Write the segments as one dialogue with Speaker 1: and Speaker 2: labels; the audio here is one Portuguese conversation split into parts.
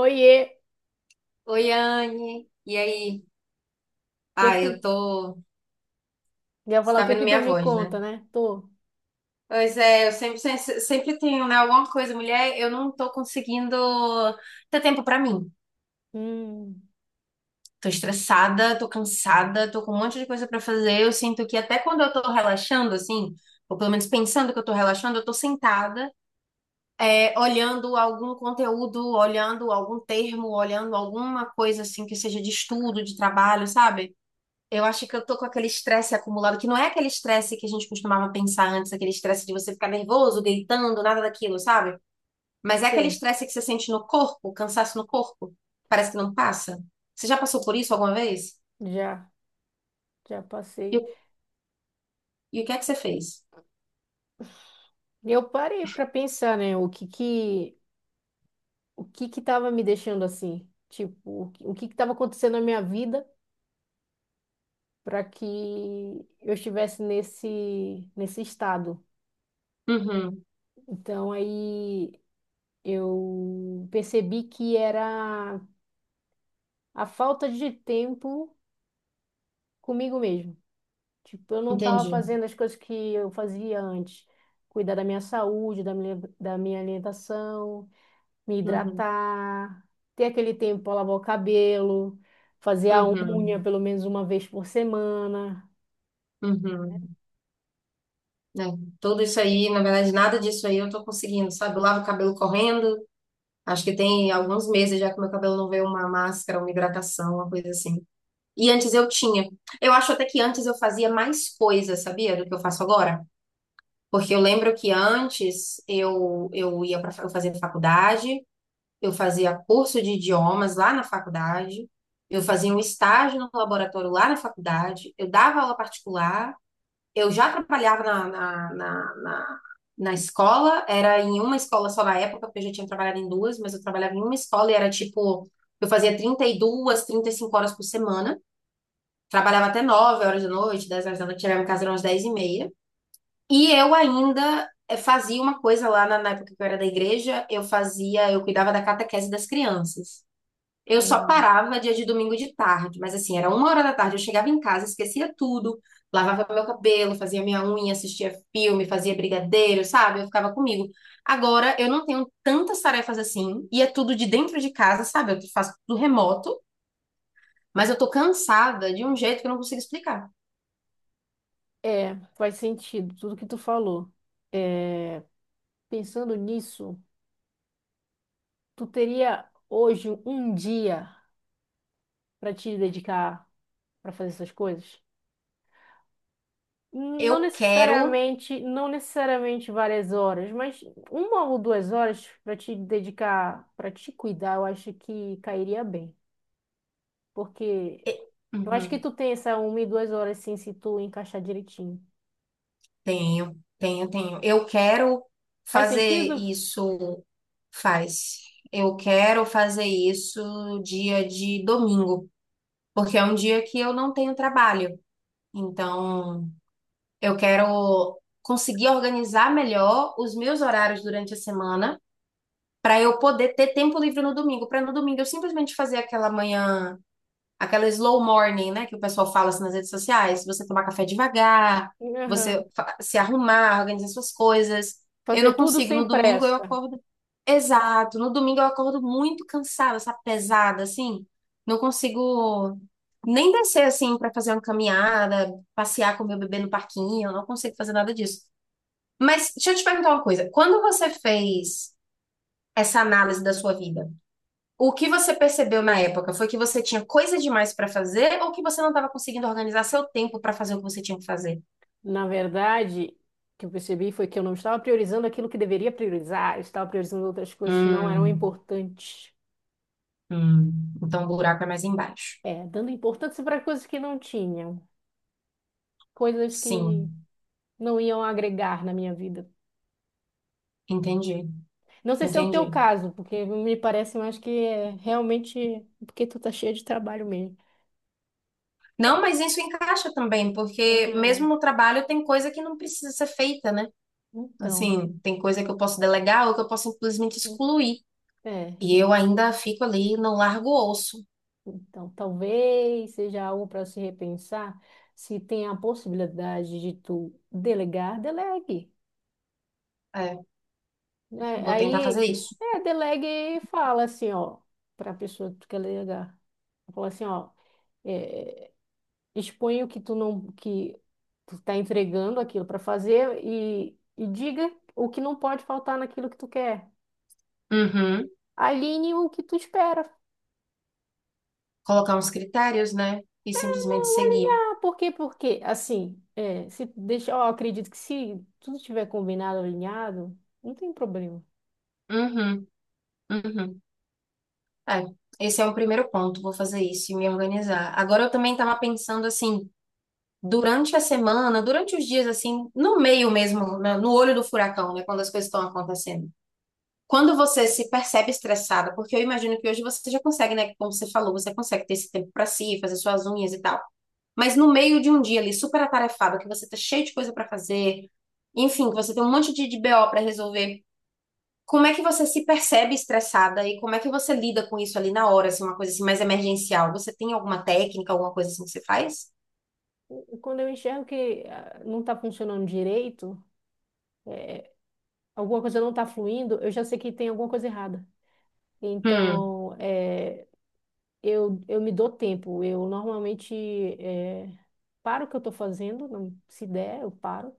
Speaker 1: Oiê,
Speaker 2: Oi, Anne. E aí? Ah,
Speaker 1: que tu
Speaker 2: eu tô.
Speaker 1: ia
Speaker 2: Você
Speaker 1: falar o
Speaker 2: tá
Speaker 1: que
Speaker 2: vendo
Speaker 1: que tu
Speaker 2: minha
Speaker 1: me
Speaker 2: voz, né?
Speaker 1: conta, né? Tô.
Speaker 2: Pois é, eu sempre, sempre, sempre tenho, né, alguma coisa, mulher. Eu não tô conseguindo ter tempo pra mim.
Speaker 1: Hum.
Speaker 2: Tô estressada, tô cansada, tô com um monte de coisa pra fazer. Eu sinto que até quando eu tô relaxando, assim, ou pelo menos pensando que eu tô relaxando, eu tô sentada, é, olhando algum conteúdo, olhando algum termo, olhando alguma coisa, assim, que seja de estudo, de trabalho, sabe? Eu acho que eu tô com aquele estresse acumulado, que não é aquele estresse que a gente costumava pensar antes, aquele estresse de você ficar nervoso, gritando, nada daquilo, sabe? Mas é aquele
Speaker 1: Sei.
Speaker 2: estresse que você sente no corpo, cansaço no corpo, parece que não passa. Você já passou por isso alguma vez?
Speaker 1: Já, já
Speaker 2: E,
Speaker 1: passei.
Speaker 2: o- e o que é que você fez?
Speaker 1: Eu parei pra pensar, né? O que que tava me deixando assim? Tipo, o que que tava acontecendo na minha vida para que eu estivesse nesse estado?
Speaker 2: Uhum,
Speaker 1: Então aí eu percebi que era a falta de tempo comigo mesmo. Tipo, eu não estava
Speaker 2: entendi.
Speaker 1: fazendo as coisas que eu fazia antes. Cuidar da minha saúde, da minha alimentação, me
Speaker 2: Uhum,
Speaker 1: hidratar, ter aquele tempo para lavar o cabelo, fazer a unha
Speaker 2: uhum,
Speaker 1: pelo menos uma vez por semana.
Speaker 2: uhum. É, tudo isso aí, na verdade, nada disso aí eu tô conseguindo, sabe? Eu lavo o cabelo correndo, acho que tem alguns meses já que meu cabelo não vê uma máscara, uma hidratação, uma coisa assim. E antes eu tinha. Eu acho até que antes eu fazia mais coisas, sabia, do que eu faço agora? Porque eu lembro que antes eu ia para eu fazia faculdade, eu fazia curso de idiomas lá na faculdade, eu fazia um estágio no laboratório lá na faculdade, eu dava aula particular, eu já trabalhava na escola, era em uma escola só na época, porque eu já tinha trabalhado em duas, mas eu trabalhava em uma escola e era tipo, eu fazia 30 32 35 horas por semana. Trabalhava até 9 horas da noite, 10 horas da noite, chegava em casa umas 10 e meia. E eu ainda fazia uma coisa lá na época que eu era da igreja, eu cuidava da catequese das crianças. Eu só
Speaker 1: Hum.
Speaker 2: parava dia de domingo de tarde, mas assim, era 1 hora da tarde, eu chegava em casa, esquecia tudo, lavava meu cabelo, fazia minha unha, assistia filme, fazia brigadeiro, sabe? Eu ficava comigo. Agora eu não tenho tantas tarefas assim, e é tudo de dentro de casa, sabe? Eu faço tudo remoto, mas eu tô cansada de um jeito que eu não consigo explicar.
Speaker 1: É, faz sentido tudo que tu falou. É, pensando nisso, tu teria hoje um dia para te dedicar para fazer essas coisas? Não
Speaker 2: Eu quero.
Speaker 1: necessariamente, não necessariamente várias horas, mas uma ou duas horas para te dedicar, para te cuidar, eu acho que cairia bem. Porque
Speaker 2: e-
Speaker 1: eu acho que
Speaker 2: Uhum,
Speaker 1: tu tem essa uma e duas horas sim, se tu encaixar direitinho.
Speaker 2: tenho, tenho, tenho. Eu quero
Speaker 1: Faz
Speaker 2: fazer
Speaker 1: sentido?
Speaker 2: isso. Faz. Eu quero fazer isso dia de domingo, porque é um dia que eu não tenho trabalho. Então, eu quero conseguir organizar melhor os meus horários durante a semana para eu poder ter tempo livre no domingo, para no domingo eu simplesmente fazer aquela slow morning, né, que o pessoal fala assim nas redes sociais, você tomar café devagar,
Speaker 1: Aham.
Speaker 2: se arrumar, organizar suas coisas. Eu
Speaker 1: Fazer
Speaker 2: não
Speaker 1: tudo
Speaker 2: consigo.
Speaker 1: sem
Speaker 2: No domingo eu
Speaker 1: pressa.
Speaker 2: acordo Exato, no domingo eu acordo muito cansada, sabe, pesada assim. Não consigo nem descer assim para fazer uma caminhada, passear com meu bebê no parquinho, eu não consigo fazer nada disso. Mas deixa eu te perguntar uma coisa, quando você fez essa análise da sua vida, o que você percebeu na época foi que você tinha coisa demais para fazer ou que você não estava conseguindo organizar seu tempo para fazer o que você tinha que fazer?
Speaker 1: Na verdade, o que eu percebi foi que eu não estava priorizando aquilo que deveria priorizar, eu estava priorizando outras coisas que não eram
Speaker 2: Hum,
Speaker 1: importantes.
Speaker 2: hum. Então o buraco é mais embaixo.
Speaker 1: É, dando importância para coisas que não tinham, coisas que
Speaker 2: Sim,
Speaker 1: não iam agregar na minha vida.
Speaker 2: entendi,
Speaker 1: Não sei se é o teu
Speaker 2: entendi.
Speaker 1: caso, porque me parece mais que é realmente porque tu tá cheia de trabalho mesmo.
Speaker 2: Não, mas isso encaixa também, porque
Speaker 1: É,
Speaker 2: mesmo no trabalho tem coisa que não precisa ser feita, né?
Speaker 1: então,
Speaker 2: Assim, tem coisa que eu posso delegar ou que eu posso simplesmente excluir.
Speaker 1: é,
Speaker 2: E eu ainda fico ali, não largo o osso.
Speaker 1: talvez seja algo para se repensar. Se tem a possibilidade de tu delegar, delegue.
Speaker 2: É,
Speaker 1: Né?
Speaker 2: vou tentar
Speaker 1: Aí,
Speaker 2: fazer isso.
Speaker 1: é, delegue e fala assim, ó, para a pessoa que tu quer delegar. Fala assim, ó, é, expõe o que tu não que tu tá entregando aquilo para fazer e diga o que não pode faltar naquilo que tu quer.
Speaker 2: Uhum.
Speaker 1: Alinhe o que tu espera.
Speaker 2: Colocar uns critérios, né? E simplesmente seguir.
Speaker 1: Ah, por quê? Porque, assim, é, se deixar, ó, acredito que se tudo estiver combinado, alinhado, não tem problema.
Speaker 2: Uhum, uhum. É, esse é um primeiro ponto, vou fazer isso e me organizar. Agora eu também estava pensando assim, durante a semana, durante os dias assim, no meio mesmo, no olho do furacão, né, quando as coisas estão acontecendo. Quando você se percebe estressada, porque eu imagino que hoje você já consegue, né, como você falou, você consegue ter esse tempo para si, fazer suas unhas e tal. Mas no meio de um dia ali super atarefado, que você tá cheio de coisa para fazer, enfim, que você tem um monte de BO para resolver. Como é que você se percebe estressada e como é que você lida com isso ali na hora, assim, uma coisa assim mais emergencial? Você tem alguma técnica, alguma coisa assim que você faz?
Speaker 1: Quando eu enxergo que ah, não está funcionando direito, alguma coisa não está fluindo, eu já sei que tem alguma coisa errada.
Speaker 2: Hum,
Speaker 1: Então, é, eu me dou tempo. Eu normalmente eh, paro o que eu estou fazendo, se der, eu paro.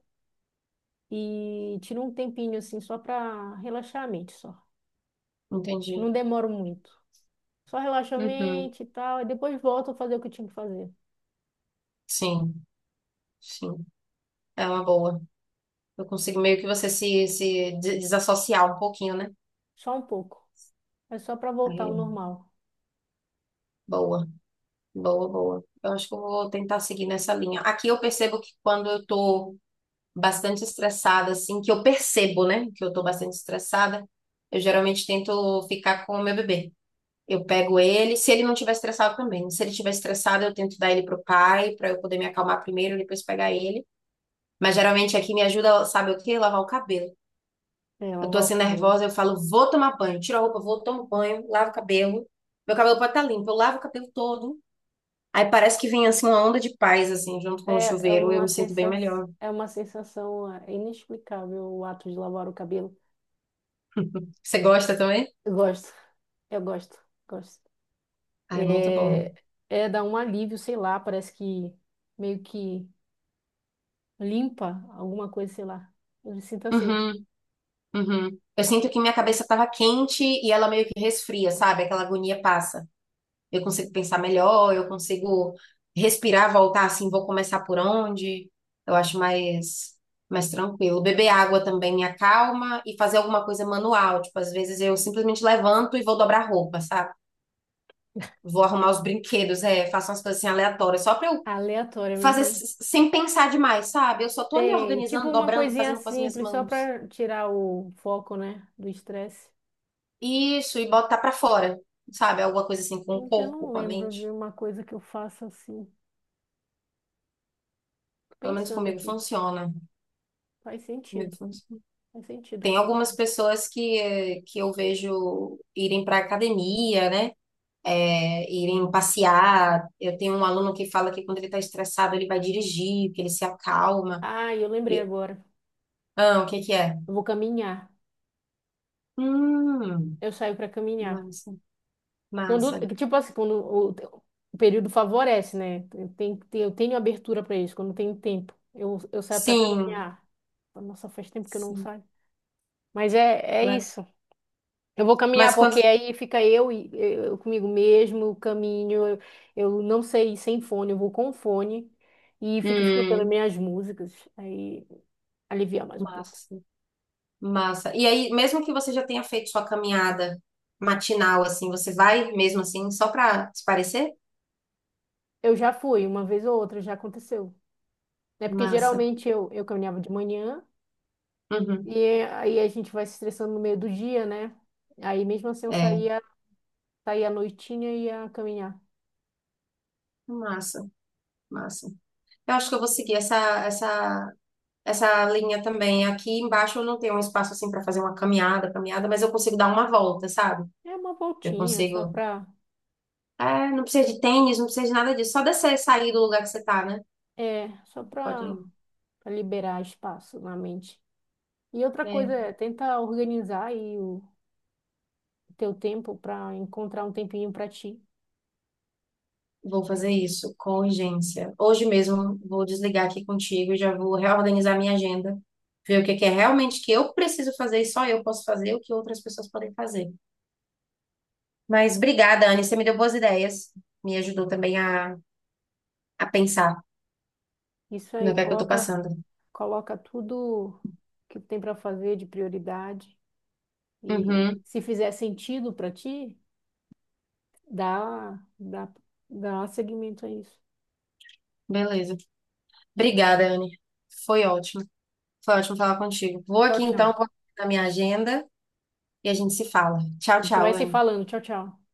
Speaker 1: E tiro um tempinho assim só para relaxar a mente, só. Não
Speaker 2: entendi.
Speaker 1: demoro muito. Só relaxo a
Speaker 2: Uhum.
Speaker 1: mente e tal. E depois volto a fazer o que eu tinha que fazer.
Speaker 2: Sim, sim. É uma boa. Eu consigo meio que você se desassociar um pouquinho, né?
Speaker 1: Só um pouco. É só para voltar
Speaker 2: Aí,
Speaker 1: ao normal.
Speaker 2: boa, boa, boa. Eu acho que eu vou tentar seguir nessa linha. Aqui eu percebo que quando eu tô bastante estressada, assim, que eu percebo, né, que eu tô bastante estressada, eu geralmente tento ficar com o meu bebê. Eu pego ele, se ele não estiver estressado também. Se ele estiver estressado, eu tento dar ele pro pai, pra eu poder me acalmar primeiro e depois pegar ele. Mas geralmente aqui me ajuda, sabe o quê? Lavar o cabelo.
Speaker 1: É,
Speaker 2: Eu tô
Speaker 1: lavar o
Speaker 2: assim
Speaker 1: cabelo
Speaker 2: nervosa, eu falo, vou tomar banho, tiro a roupa, vou, tomo banho, lavo o cabelo. Meu cabelo pode estar limpo, eu lavo o cabelo todo. Aí parece que vem assim uma onda de paz, assim, junto com o
Speaker 1: é,
Speaker 2: chuveiro, eu me sinto bem melhor.
Speaker 1: é uma sensação é, inexplicável o ato de lavar o cabelo.
Speaker 2: Você gosta também?
Speaker 1: Eu gosto. Eu gosto. Gosto.
Speaker 2: Ah, é muito bom.
Speaker 1: É, é dar um alívio, sei lá, parece que meio que limpa alguma coisa, sei lá. Eu me sinto assim,
Speaker 2: Uhum, uhum. Eu sinto que minha cabeça tava quente e ela meio que resfria, sabe? Aquela agonia passa. Eu consigo pensar melhor, eu consigo respirar, voltar assim, vou começar por onde? Eu acho mais tranquilo. Beber água também me acalma e fazer alguma coisa manual, tipo, às vezes eu simplesmente levanto e vou dobrar roupa, sabe? Vou arrumar os brinquedos, é, faço umas coisas assim aleatórias, só pra eu
Speaker 1: aleatória
Speaker 2: fazer
Speaker 1: mesmo, né?
Speaker 2: sem pensar demais, sabe? Eu só tô ali
Speaker 1: Sei, tipo
Speaker 2: organizando,
Speaker 1: uma
Speaker 2: dobrando,
Speaker 1: coisinha
Speaker 2: fazendo com as minhas
Speaker 1: simples, só
Speaker 2: mãos.
Speaker 1: para tirar o foco, né, do estresse.
Speaker 2: Isso, e botar pra fora, sabe? Alguma coisa assim com o
Speaker 1: Eu
Speaker 2: corpo,
Speaker 1: não
Speaker 2: com a
Speaker 1: lembro de
Speaker 2: mente.
Speaker 1: uma coisa que eu faça assim. Tô
Speaker 2: Pelo menos
Speaker 1: pensando
Speaker 2: comigo
Speaker 1: aqui,
Speaker 2: funciona.
Speaker 1: faz
Speaker 2: Comigo
Speaker 1: sentido,
Speaker 2: funciona.
Speaker 1: faz sentido.
Speaker 2: Tem algumas
Speaker 1: Funciona.
Speaker 2: pessoas que, que eu vejo irem para academia, né? É, irem passear. Eu tenho um aluno que fala que quando ele está estressado, ele vai dirigir, que ele se acalma.
Speaker 1: Ah, eu lembrei
Speaker 2: Eu-
Speaker 1: agora.
Speaker 2: ah, o que que é?
Speaker 1: Eu vou caminhar.
Speaker 2: Hum,
Speaker 1: Eu saio para caminhar.
Speaker 2: massa,
Speaker 1: Quando,
Speaker 2: massa.
Speaker 1: tipo assim, quando o período favorece, né? Eu tenho, eu tenho abertura para isso, quando tenho tempo. Eu saio para
Speaker 2: Sim,
Speaker 1: caminhar. Nossa, faz tempo que eu não
Speaker 2: sim.
Speaker 1: saio. Mas é, é
Speaker 2: Le-
Speaker 1: isso. Eu vou caminhar
Speaker 2: Mas quando.
Speaker 1: porque aí fica eu e eu comigo mesmo, eu caminho. Eu não sei ir sem fone, eu vou com fone e fico escutando
Speaker 2: Hum,
Speaker 1: minhas músicas. Aí alivia mais um pouco.
Speaker 2: massa, massa. E aí, mesmo que você já tenha feito sua caminhada matinal, assim, você vai mesmo assim, só para se parecer?
Speaker 1: Eu já fui, uma vez ou outra, já aconteceu. É porque
Speaker 2: Massa.
Speaker 1: geralmente eu caminhava de manhã.
Speaker 2: Uhum.
Speaker 1: E aí a gente vai se estressando no meio do dia, né? Aí mesmo assim eu
Speaker 2: É.
Speaker 1: saía, saía à noitinha e ia caminhar.
Speaker 2: Massa. Massa. Eu acho que eu vou seguir essa, essa, linha também. Aqui embaixo eu não tenho um espaço assim para fazer uma caminhada, caminhada, mas eu consigo dar uma volta, sabe?
Speaker 1: É uma
Speaker 2: Eu
Speaker 1: voltinha,
Speaker 2: consigo. É, não precisa de tênis, não precisa de nada disso. Só descer, sair do lugar que você tá, né?
Speaker 1: só pra,
Speaker 2: Pode.
Speaker 1: pra liberar espaço na mente. E outra coisa
Speaker 2: É,
Speaker 1: é, tenta organizar aí o teu tempo pra encontrar um tempinho pra ti.
Speaker 2: vou fazer isso com urgência. Hoje mesmo vou desligar aqui contigo, já vou reorganizar minha agenda, ver o que que é realmente que eu preciso fazer e só eu posso fazer, o que outras pessoas podem fazer. Mas obrigada, Anne, você me deu boas ideias, me ajudou também a pensar.
Speaker 1: Isso
Speaker 2: No
Speaker 1: aí,
Speaker 2: que é que eu tô
Speaker 1: coloca,
Speaker 2: passando.
Speaker 1: coloca tudo que tem pra fazer de prioridade. E
Speaker 2: Uhum,
Speaker 1: se fizer sentido pra ti, dá, dá, dá seguimento a isso.
Speaker 2: beleza. Obrigada, Anne. Foi ótimo. Foi ótimo falar contigo. Vou
Speaker 1: Tchau,
Speaker 2: aqui então,
Speaker 1: tchau.
Speaker 2: vou na minha agenda e a gente se fala. Tchau,
Speaker 1: A gente
Speaker 2: tchau,
Speaker 1: vai se
Speaker 2: Anne.
Speaker 1: falando. Tchau, tchau.